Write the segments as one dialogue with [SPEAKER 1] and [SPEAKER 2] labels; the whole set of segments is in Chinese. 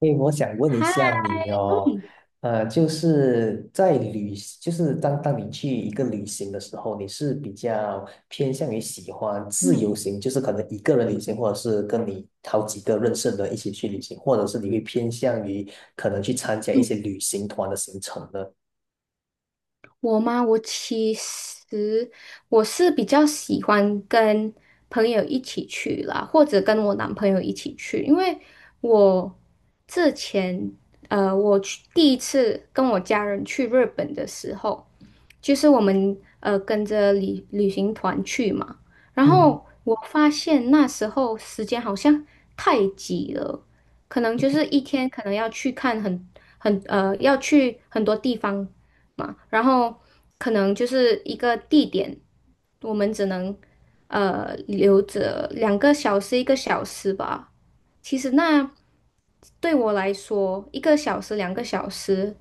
[SPEAKER 1] 诶，我想问一
[SPEAKER 2] 嗨。
[SPEAKER 1] 下你哦，就是就是当你去一个旅行的时候，你是比较偏向于喜欢自
[SPEAKER 2] 嗯嗯。
[SPEAKER 1] 由行，就是可能一个人旅行，或者是跟你好几个认识的人一起去旅行，或者是你会偏向于可能去参加一些旅行团的行程呢？
[SPEAKER 2] 我吗？我其实我是比较喜欢跟朋友一起去啦，或者跟我男朋友一起去，因为我之前我去第一次跟我家人去日本的时候，就是我们跟着旅行团去嘛，然
[SPEAKER 1] 嗯
[SPEAKER 2] 后我发现那时候时间好像太挤了，可能就是一天可能要去看很很呃要去很多地方嘛，然后可能就是一个地点，我们只能留着两个小时一个小时吧。其实那对我来说，一个小时两个小时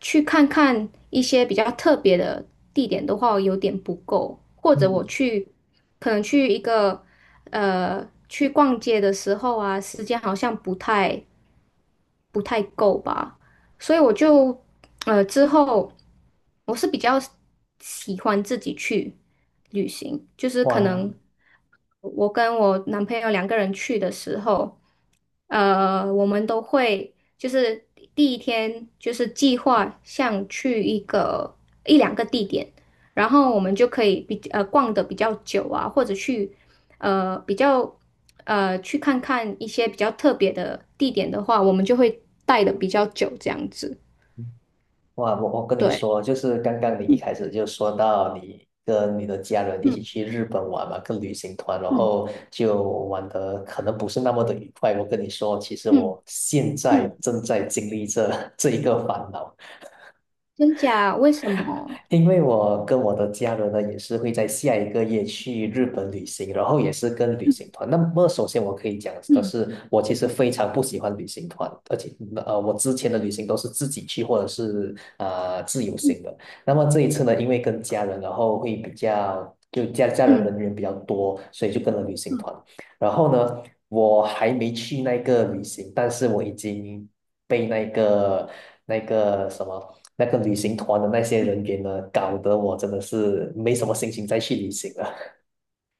[SPEAKER 2] 去看看一些比较特别的地点的话，有点不够。或者我
[SPEAKER 1] 嗯，
[SPEAKER 2] 去可能去一个去逛街的时候啊，时间好像不太够吧。所以之后我是比较喜欢自己去旅行，就是可
[SPEAKER 1] 哇，
[SPEAKER 2] 能我跟我男朋友两个人去的时候，我们都会就是第一天就是计划像去一两个地点，然后我们就可以逛的比较久啊，或者去呃比较。呃，去看看一些比较特别的地点的话，我们就会待的比较久，这样子。
[SPEAKER 1] 我跟你
[SPEAKER 2] 对。
[SPEAKER 1] 说，就是刚刚你一
[SPEAKER 2] 嗯
[SPEAKER 1] 开始就说到你跟你的家人一起
[SPEAKER 2] 嗯
[SPEAKER 1] 去日本玩嘛，跟旅行团，然
[SPEAKER 2] 嗯
[SPEAKER 1] 后就玩的可能不是那么的愉快。我跟你说，其实
[SPEAKER 2] 嗯
[SPEAKER 1] 我现在
[SPEAKER 2] 嗯。
[SPEAKER 1] 正在经历这 这一个烦恼。
[SPEAKER 2] 真假？为什么？
[SPEAKER 1] 因为我跟我的家人呢，也是会在下一个月去日本旅行，然后也是跟旅行
[SPEAKER 2] 嗯
[SPEAKER 1] 团。那么，首先我可以讲的
[SPEAKER 2] 嗯
[SPEAKER 1] 是，我其实非常不喜欢旅行团，而且我之前的旅行都是自己去或者是自由
[SPEAKER 2] 嗯
[SPEAKER 1] 行的。那么这一次呢，因为跟家人，然后会比较就家家人
[SPEAKER 2] 嗯
[SPEAKER 1] 人员比较多，所以就跟了旅行
[SPEAKER 2] 嗯。
[SPEAKER 1] 团。然后呢，我还没去那个旅行，但是我已经被那个那个什么。那个旅行团的那些人员呢，搞得我真的是没什么心情再去旅行了。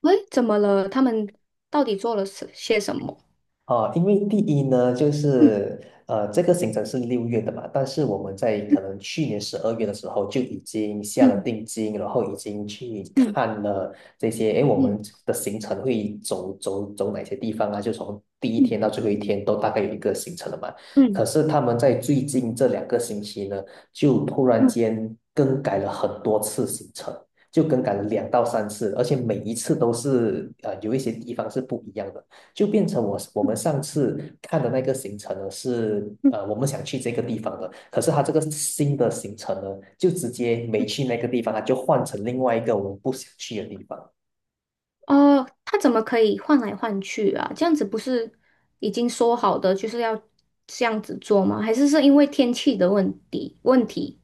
[SPEAKER 2] 喂，怎么了？他们到底做了什些什么？
[SPEAKER 1] 哦，因为第一呢，
[SPEAKER 2] 嗯
[SPEAKER 1] 这个行程是六月的嘛，但是我们在可能去年十二月的时候就已经下了
[SPEAKER 2] 嗯
[SPEAKER 1] 定金，然后已经去
[SPEAKER 2] 嗯
[SPEAKER 1] 看了这些，诶，我
[SPEAKER 2] 嗯
[SPEAKER 1] 们的行程会走哪些地方啊？就从第一天
[SPEAKER 2] 嗯
[SPEAKER 1] 到最后一天都大概有一个行程了嘛。
[SPEAKER 2] 嗯
[SPEAKER 1] 可是他们在最近这两个星期呢，就突然
[SPEAKER 2] 嗯
[SPEAKER 1] 间更改了很多次行程。就更改了两到三次，而且每一次都是有一些地方是不一样的。就变成我们上次看的那个行程呢是
[SPEAKER 2] 嗯
[SPEAKER 1] 我们想去这个地方的，可是他这个新的行程呢就直接没
[SPEAKER 2] 嗯。
[SPEAKER 1] 去那个地方，他就换成另外一个我们不想去的地方。
[SPEAKER 2] 哦，他怎么可以换来换去啊？这样子不是已经说好的就是要这样子做吗？还是是因为天气的问题？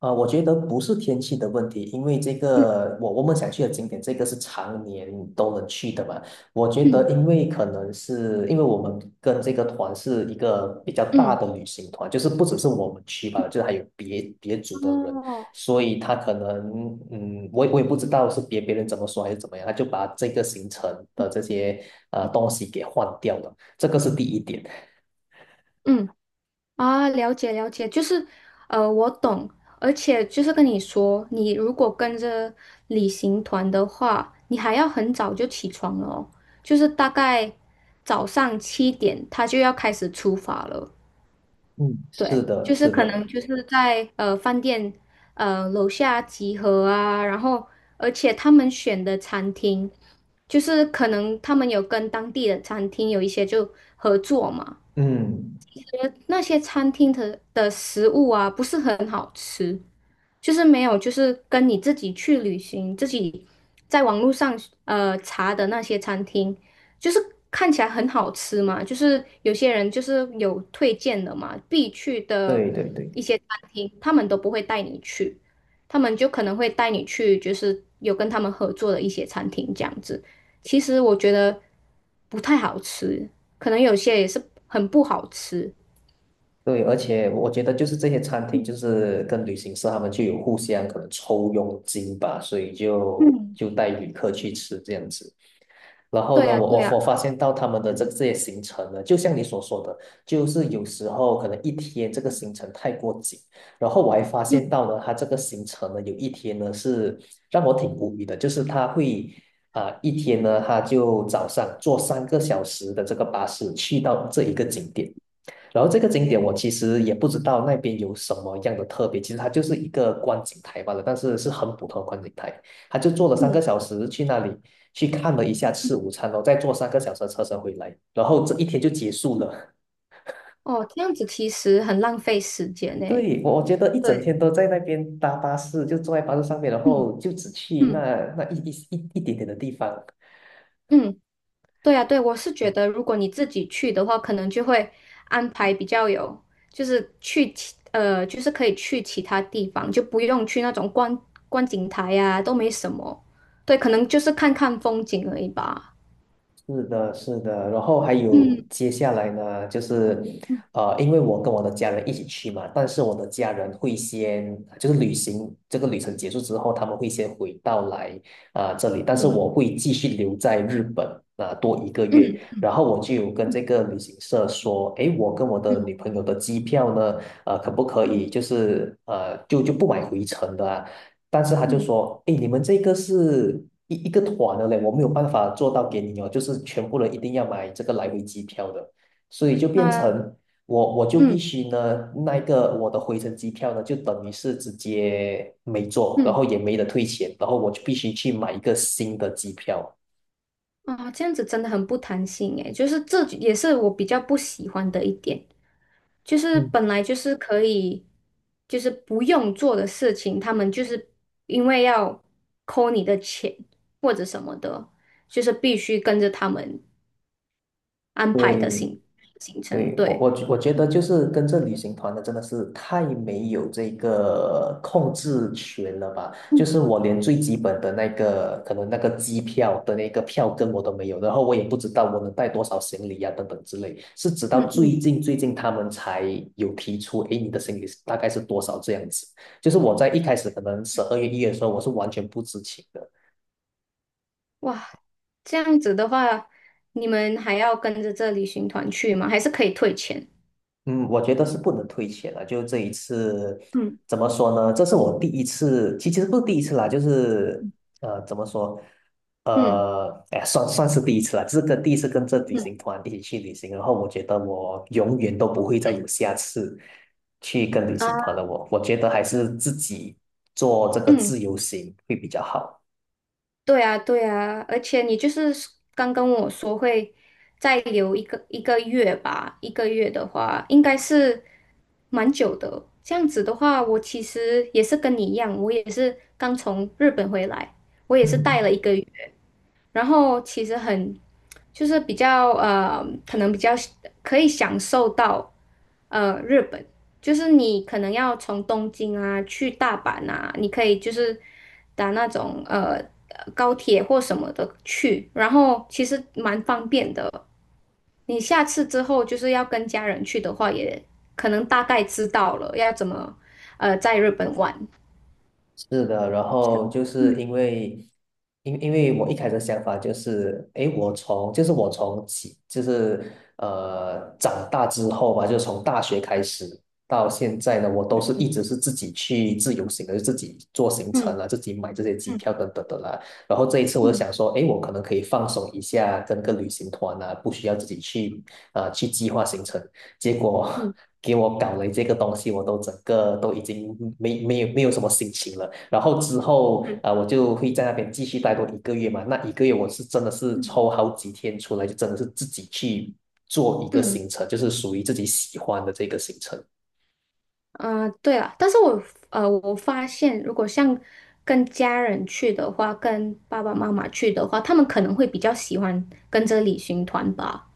[SPEAKER 1] 啊，我觉得不是天气的问题，因为这
[SPEAKER 2] 嗯
[SPEAKER 1] 个我们想去的景点，这个是常年都能去的嘛。我觉得，
[SPEAKER 2] 嗯
[SPEAKER 1] 因为可能是因为我们跟这个团是一个比较大
[SPEAKER 2] 嗯。
[SPEAKER 1] 的旅行团，就是不只是我们去吧，就是还有别组的人，
[SPEAKER 2] 哦。
[SPEAKER 1] 所以他可能，嗯，我也不知道是别人怎么说还是怎么样，他就把这个行程的这些呃东西给换掉了，这个是第一点。
[SPEAKER 2] 嗯。啊，了解了解，就是我懂，而且就是跟你说，你如果跟着旅行团的话，你还要很早就起床了哦，就是大概早上7点，他就要开始出发了。
[SPEAKER 1] 嗯，是
[SPEAKER 2] 对，
[SPEAKER 1] 的，
[SPEAKER 2] 就是
[SPEAKER 1] 是
[SPEAKER 2] 可
[SPEAKER 1] 的，
[SPEAKER 2] 能就是在饭店楼下集合啊，然后而且他们选的餐厅，就是可能他们有跟当地的餐厅有一些就合作嘛。
[SPEAKER 1] 嗯，
[SPEAKER 2] 那些餐厅的食物啊，不是很好吃，就是没有，就是跟你自己去旅行，自己在网络上查的那些餐厅，就是看起来很好吃嘛，就是有些人就是有推荐的嘛，必去的
[SPEAKER 1] 对对对。
[SPEAKER 2] 一些餐厅，他们都不会带你去，他们就可能会带你去，就是有跟他们合作的一些餐厅这样子。其实我觉得不太好吃，可能有些也是很不好吃。
[SPEAKER 1] 对，而且我觉得就是这些餐厅，就是跟旅行社他们就有互相可能抽佣金吧，所以就带旅客去吃这样子。然后
[SPEAKER 2] 对
[SPEAKER 1] 呢，
[SPEAKER 2] 呀，
[SPEAKER 1] 我
[SPEAKER 2] 对
[SPEAKER 1] 我
[SPEAKER 2] 呀。
[SPEAKER 1] 我发现到他们的这些行程呢，就像你所说的，就是有时候可能一天这个行程太过紧，然后我还发
[SPEAKER 2] 嗯
[SPEAKER 1] 现到呢，他这个行程呢，有一天呢是让我挺无语的，就是他会一天呢，他就早上坐三个小时的这个巴士去到这一个景点。然后这个景点我其实也不知道那边有什么样的特别，其实它就是一个观景台罢了，但是是很普通的观景台。他就坐了三个
[SPEAKER 2] 嗯。
[SPEAKER 1] 小时去那里去看了一下，吃午餐哦，然后再坐三个小时的车程回来，然后这一天就结束了。
[SPEAKER 2] 哦，这样子其实很浪费时间 呢。
[SPEAKER 1] 对，我我觉得一
[SPEAKER 2] 对。
[SPEAKER 1] 整天都在那边搭巴士，就坐在巴士上面，然
[SPEAKER 2] 嗯
[SPEAKER 1] 后就只去那
[SPEAKER 2] 嗯
[SPEAKER 1] 那一一一一点点的地方。
[SPEAKER 2] 嗯。对呀，对，我是觉得如果你自己去的话，可能就会安排比较有，就是就是可以去其他地方，就不用去那种观景台呀、都没什么。对，可能就是看看风景而已吧。
[SPEAKER 1] 是的，是的，然后还有
[SPEAKER 2] 嗯
[SPEAKER 1] 接下来呢，因为我跟我的家人一起去嘛，但是我的家人会先，就是旅行这个旅程结束之后，他们会先回到来这里，但是
[SPEAKER 2] 嗯
[SPEAKER 1] 我会继续留在日本多一个月，
[SPEAKER 2] 嗯
[SPEAKER 1] 然后我就有跟这个旅行社说，诶，我跟我的女
[SPEAKER 2] 嗯
[SPEAKER 1] 朋友的机票呢，呃，可不可
[SPEAKER 2] 嗯
[SPEAKER 1] 以就不买回程的啊但是他就
[SPEAKER 2] 嗯
[SPEAKER 1] 说，哎，你们这个是一个团的嘞，我没有办法做到给你哦，就是全部人一定要买这个来回机票的，所以就变
[SPEAKER 2] 啊
[SPEAKER 1] 成我就必
[SPEAKER 2] 嗯
[SPEAKER 1] 须呢，那个我的回程机票呢，就等于是直接没做，然
[SPEAKER 2] 嗯
[SPEAKER 1] 后也没得退钱，然后我就必须去买一个新的机票。
[SPEAKER 2] 啊，这样子真的很不弹性诶，就是这也是我比较不喜欢的一点。就是
[SPEAKER 1] 嗯，
[SPEAKER 2] 本来就是可以，就是不用做的事情，他们就是因为要扣你的钱或者什么的，就是必须跟着他们安排的
[SPEAKER 1] 对，
[SPEAKER 2] 行程。
[SPEAKER 1] 对，我
[SPEAKER 2] 对。
[SPEAKER 1] 我我觉得就是跟着旅行团的真的是太没有这个控制权了吧？就
[SPEAKER 2] 嗯
[SPEAKER 1] 是我连最基本的那个可能那个机票的那个票根我都没有，然后我也不知道我能带多少行李呀、等等之类。是直到
[SPEAKER 2] 嗯嗯。
[SPEAKER 1] 最近他们才有提出，诶，你的行李是大概是多少这样子。就是我在一开始可能十二月一月的时候，我是完全不知情的。
[SPEAKER 2] 哇，这样子的话，你们还要跟着这旅行团去吗？还是可以退钱？
[SPEAKER 1] 嗯，我觉得是不能退钱了。就这一次，
[SPEAKER 2] 嗯
[SPEAKER 1] 怎么说呢？这是我第一次，其实不是第一次啦，怎么说？
[SPEAKER 2] 嗯
[SPEAKER 1] 哎，算是第一次啦，这是跟第一次跟这旅
[SPEAKER 2] 嗯
[SPEAKER 1] 行团一起去旅行，然后我觉得我永远都不会再有下次去跟旅行团
[SPEAKER 2] 啊
[SPEAKER 1] 了我。我觉得还是自己做这个
[SPEAKER 2] 嗯。
[SPEAKER 1] 自由行会比较好。
[SPEAKER 2] 对啊，对啊，而且你就是刚跟我说会再留一个月吧，一个月的话应该是蛮久的。这样子的话，我其实也是跟你一样，我也是刚从日本回来，我也是待了
[SPEAKER 1] 嗯。
[SPEAKER 2] 一个月。然后其实很就是比较，可能比较可以享受到日本，就是你可能要从东京啊去大阪啊，你可以就是打那种高铁或什么的去，然后其实蛮方便的。你下次之后就是要跟家人去的话，也可能大概知道了要怎么在日本玩。
[SPEAKER 1] 是的，然
[SPEAKER 2] 是。
[SPEAKER 1] 后因因为我一开始的想法就是，诶，我从起长大之后吧，就是从大学开始到现在呢，我都是一直是自己去自由行的，就自己做行程
[SPEAKER 2] 嗯
[SPEAKER 1] 啊，自己买这些机
[SPEAKER 2] 嗯
[SPEAKER 1] 票等等的啦。然后这一次我就
[SPEAKER 2] 嗯
[SPEAKER 1] 想说，诶，我可能可以放松一下，跟个旅行团啊，不需要自己去去计划行程结果
[SPEAKER 2] 嗯
[SPEAKER 1] 给我搞了这个东西，我都整个都已经没有什么心情了。然后之后
[SPEAKER 2] 嗯
[SPEAKER 1] 我就会在那边继续待多一个月嘛。那一个月我是真的是
[SPEAKER 2] 嗯。
[SPEAKER 1] 抽好几天出来，就真的是自己去做一个
[SPEAKER 2] 嗯
[SPEAKER 1] 行程，就是属于自己喜欢的这个行程。
[SPEAKER 2] 嗯，对了，但是我我发现如果像跟家人去的话，跟爸爸妈妈去的话，他们可能会比较喜欢跟着旅行团吧。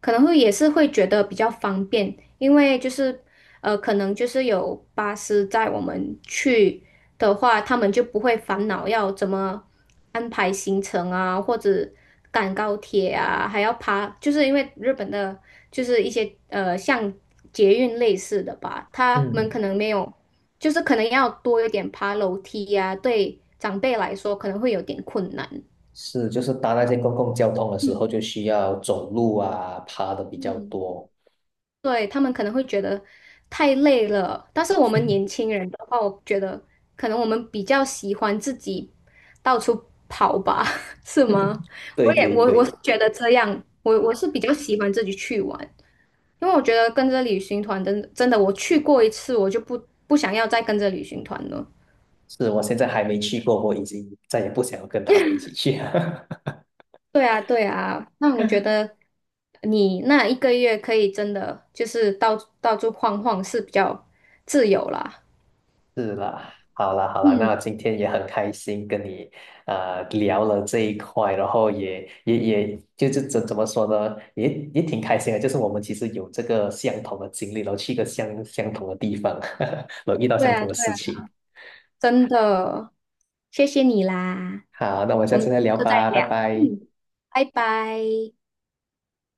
[SPEAKER 2] 可能会也是会觉得比较方便，因为就是可能就是有巴士载我们去的话，他们就不会烦恼要怎么安排行程啊，或者赶高铁啊，还要爬，就是因为日本的就是一些像捷运类似的吧，他们
[SPEAKER 1] 嗯，
[SPEAKER 2] 可能没有，就是可能要多一点爬楼梯呀、对长辈来说可能会有点困难。
[SPEAKER 1] 是，就是搭那些公共交通的时
[SPEAKER 2] 嗯
[SPEAKER 1] 候，就需要走路啊，爬的比较
[SPEAKER 2] 嗯，
[SPEAKER 1] 多。
[SPEAKER 2] 对，他们可能会觉得太累了，但是我们年轻人的话，我觉得可能我们比较喜欢自己到处跑吧，是吗？我
[SPEAKER 1] 对
[SPEAKER 2] 也
[SPEAKER 1] 对
[SPEAKER 2] 我我是
[SPEAKER 1] 对，
[SPEAKER 2] 觉得这样，我是比较喜欢自己去玩，因为我觉得跟着旅行团真的真的，我去过一次，我就不想要再跟着旅行团了。
[SPEAKER 1] 是我现在还没去过，我已经再也不想要跟他们一起去。
[SPEAKER 2] 对啊，对啊，那我觉得你那一个月可以真的就是到处晃晃是比较自由啦。
[SPEAKER 1] 是啦，好啦，好啦，
[SPEAKER 2] 嗯，
[SPEAKER 1] 那今天也很开心跟你聊了这一块，然后也就是怎么说呢，也挺开心的，就是我们其实有这个相同的经历，然后去一个相同的地方，然后遇到
[SPEAKER 2] 对
[SPEAKER 1] 相
[SPEAKER 2] 啊，
[SPEAKER 1] 同的
[SPEAKER 2] 对
[SPEAKER 1] 事
[SPEAKER 2] 啊
[SPEAKER 1] 情。
[SPEAKER 2] 真的，谢谢你啦，
[SPEAKER 1] 好，那我们下
[SPEAKER 2] 我们
[SPEAKER 1] 次
[SPEAKER 2] 之
[SPEAKER 1] 再聊
[SPEAKER 2] 后再
[SPEAKER 1] 吧，拜
[SPEAKER 2] 聊，
[SPEAKER 1] 拜。
[SPEAKER 2] 拜拜。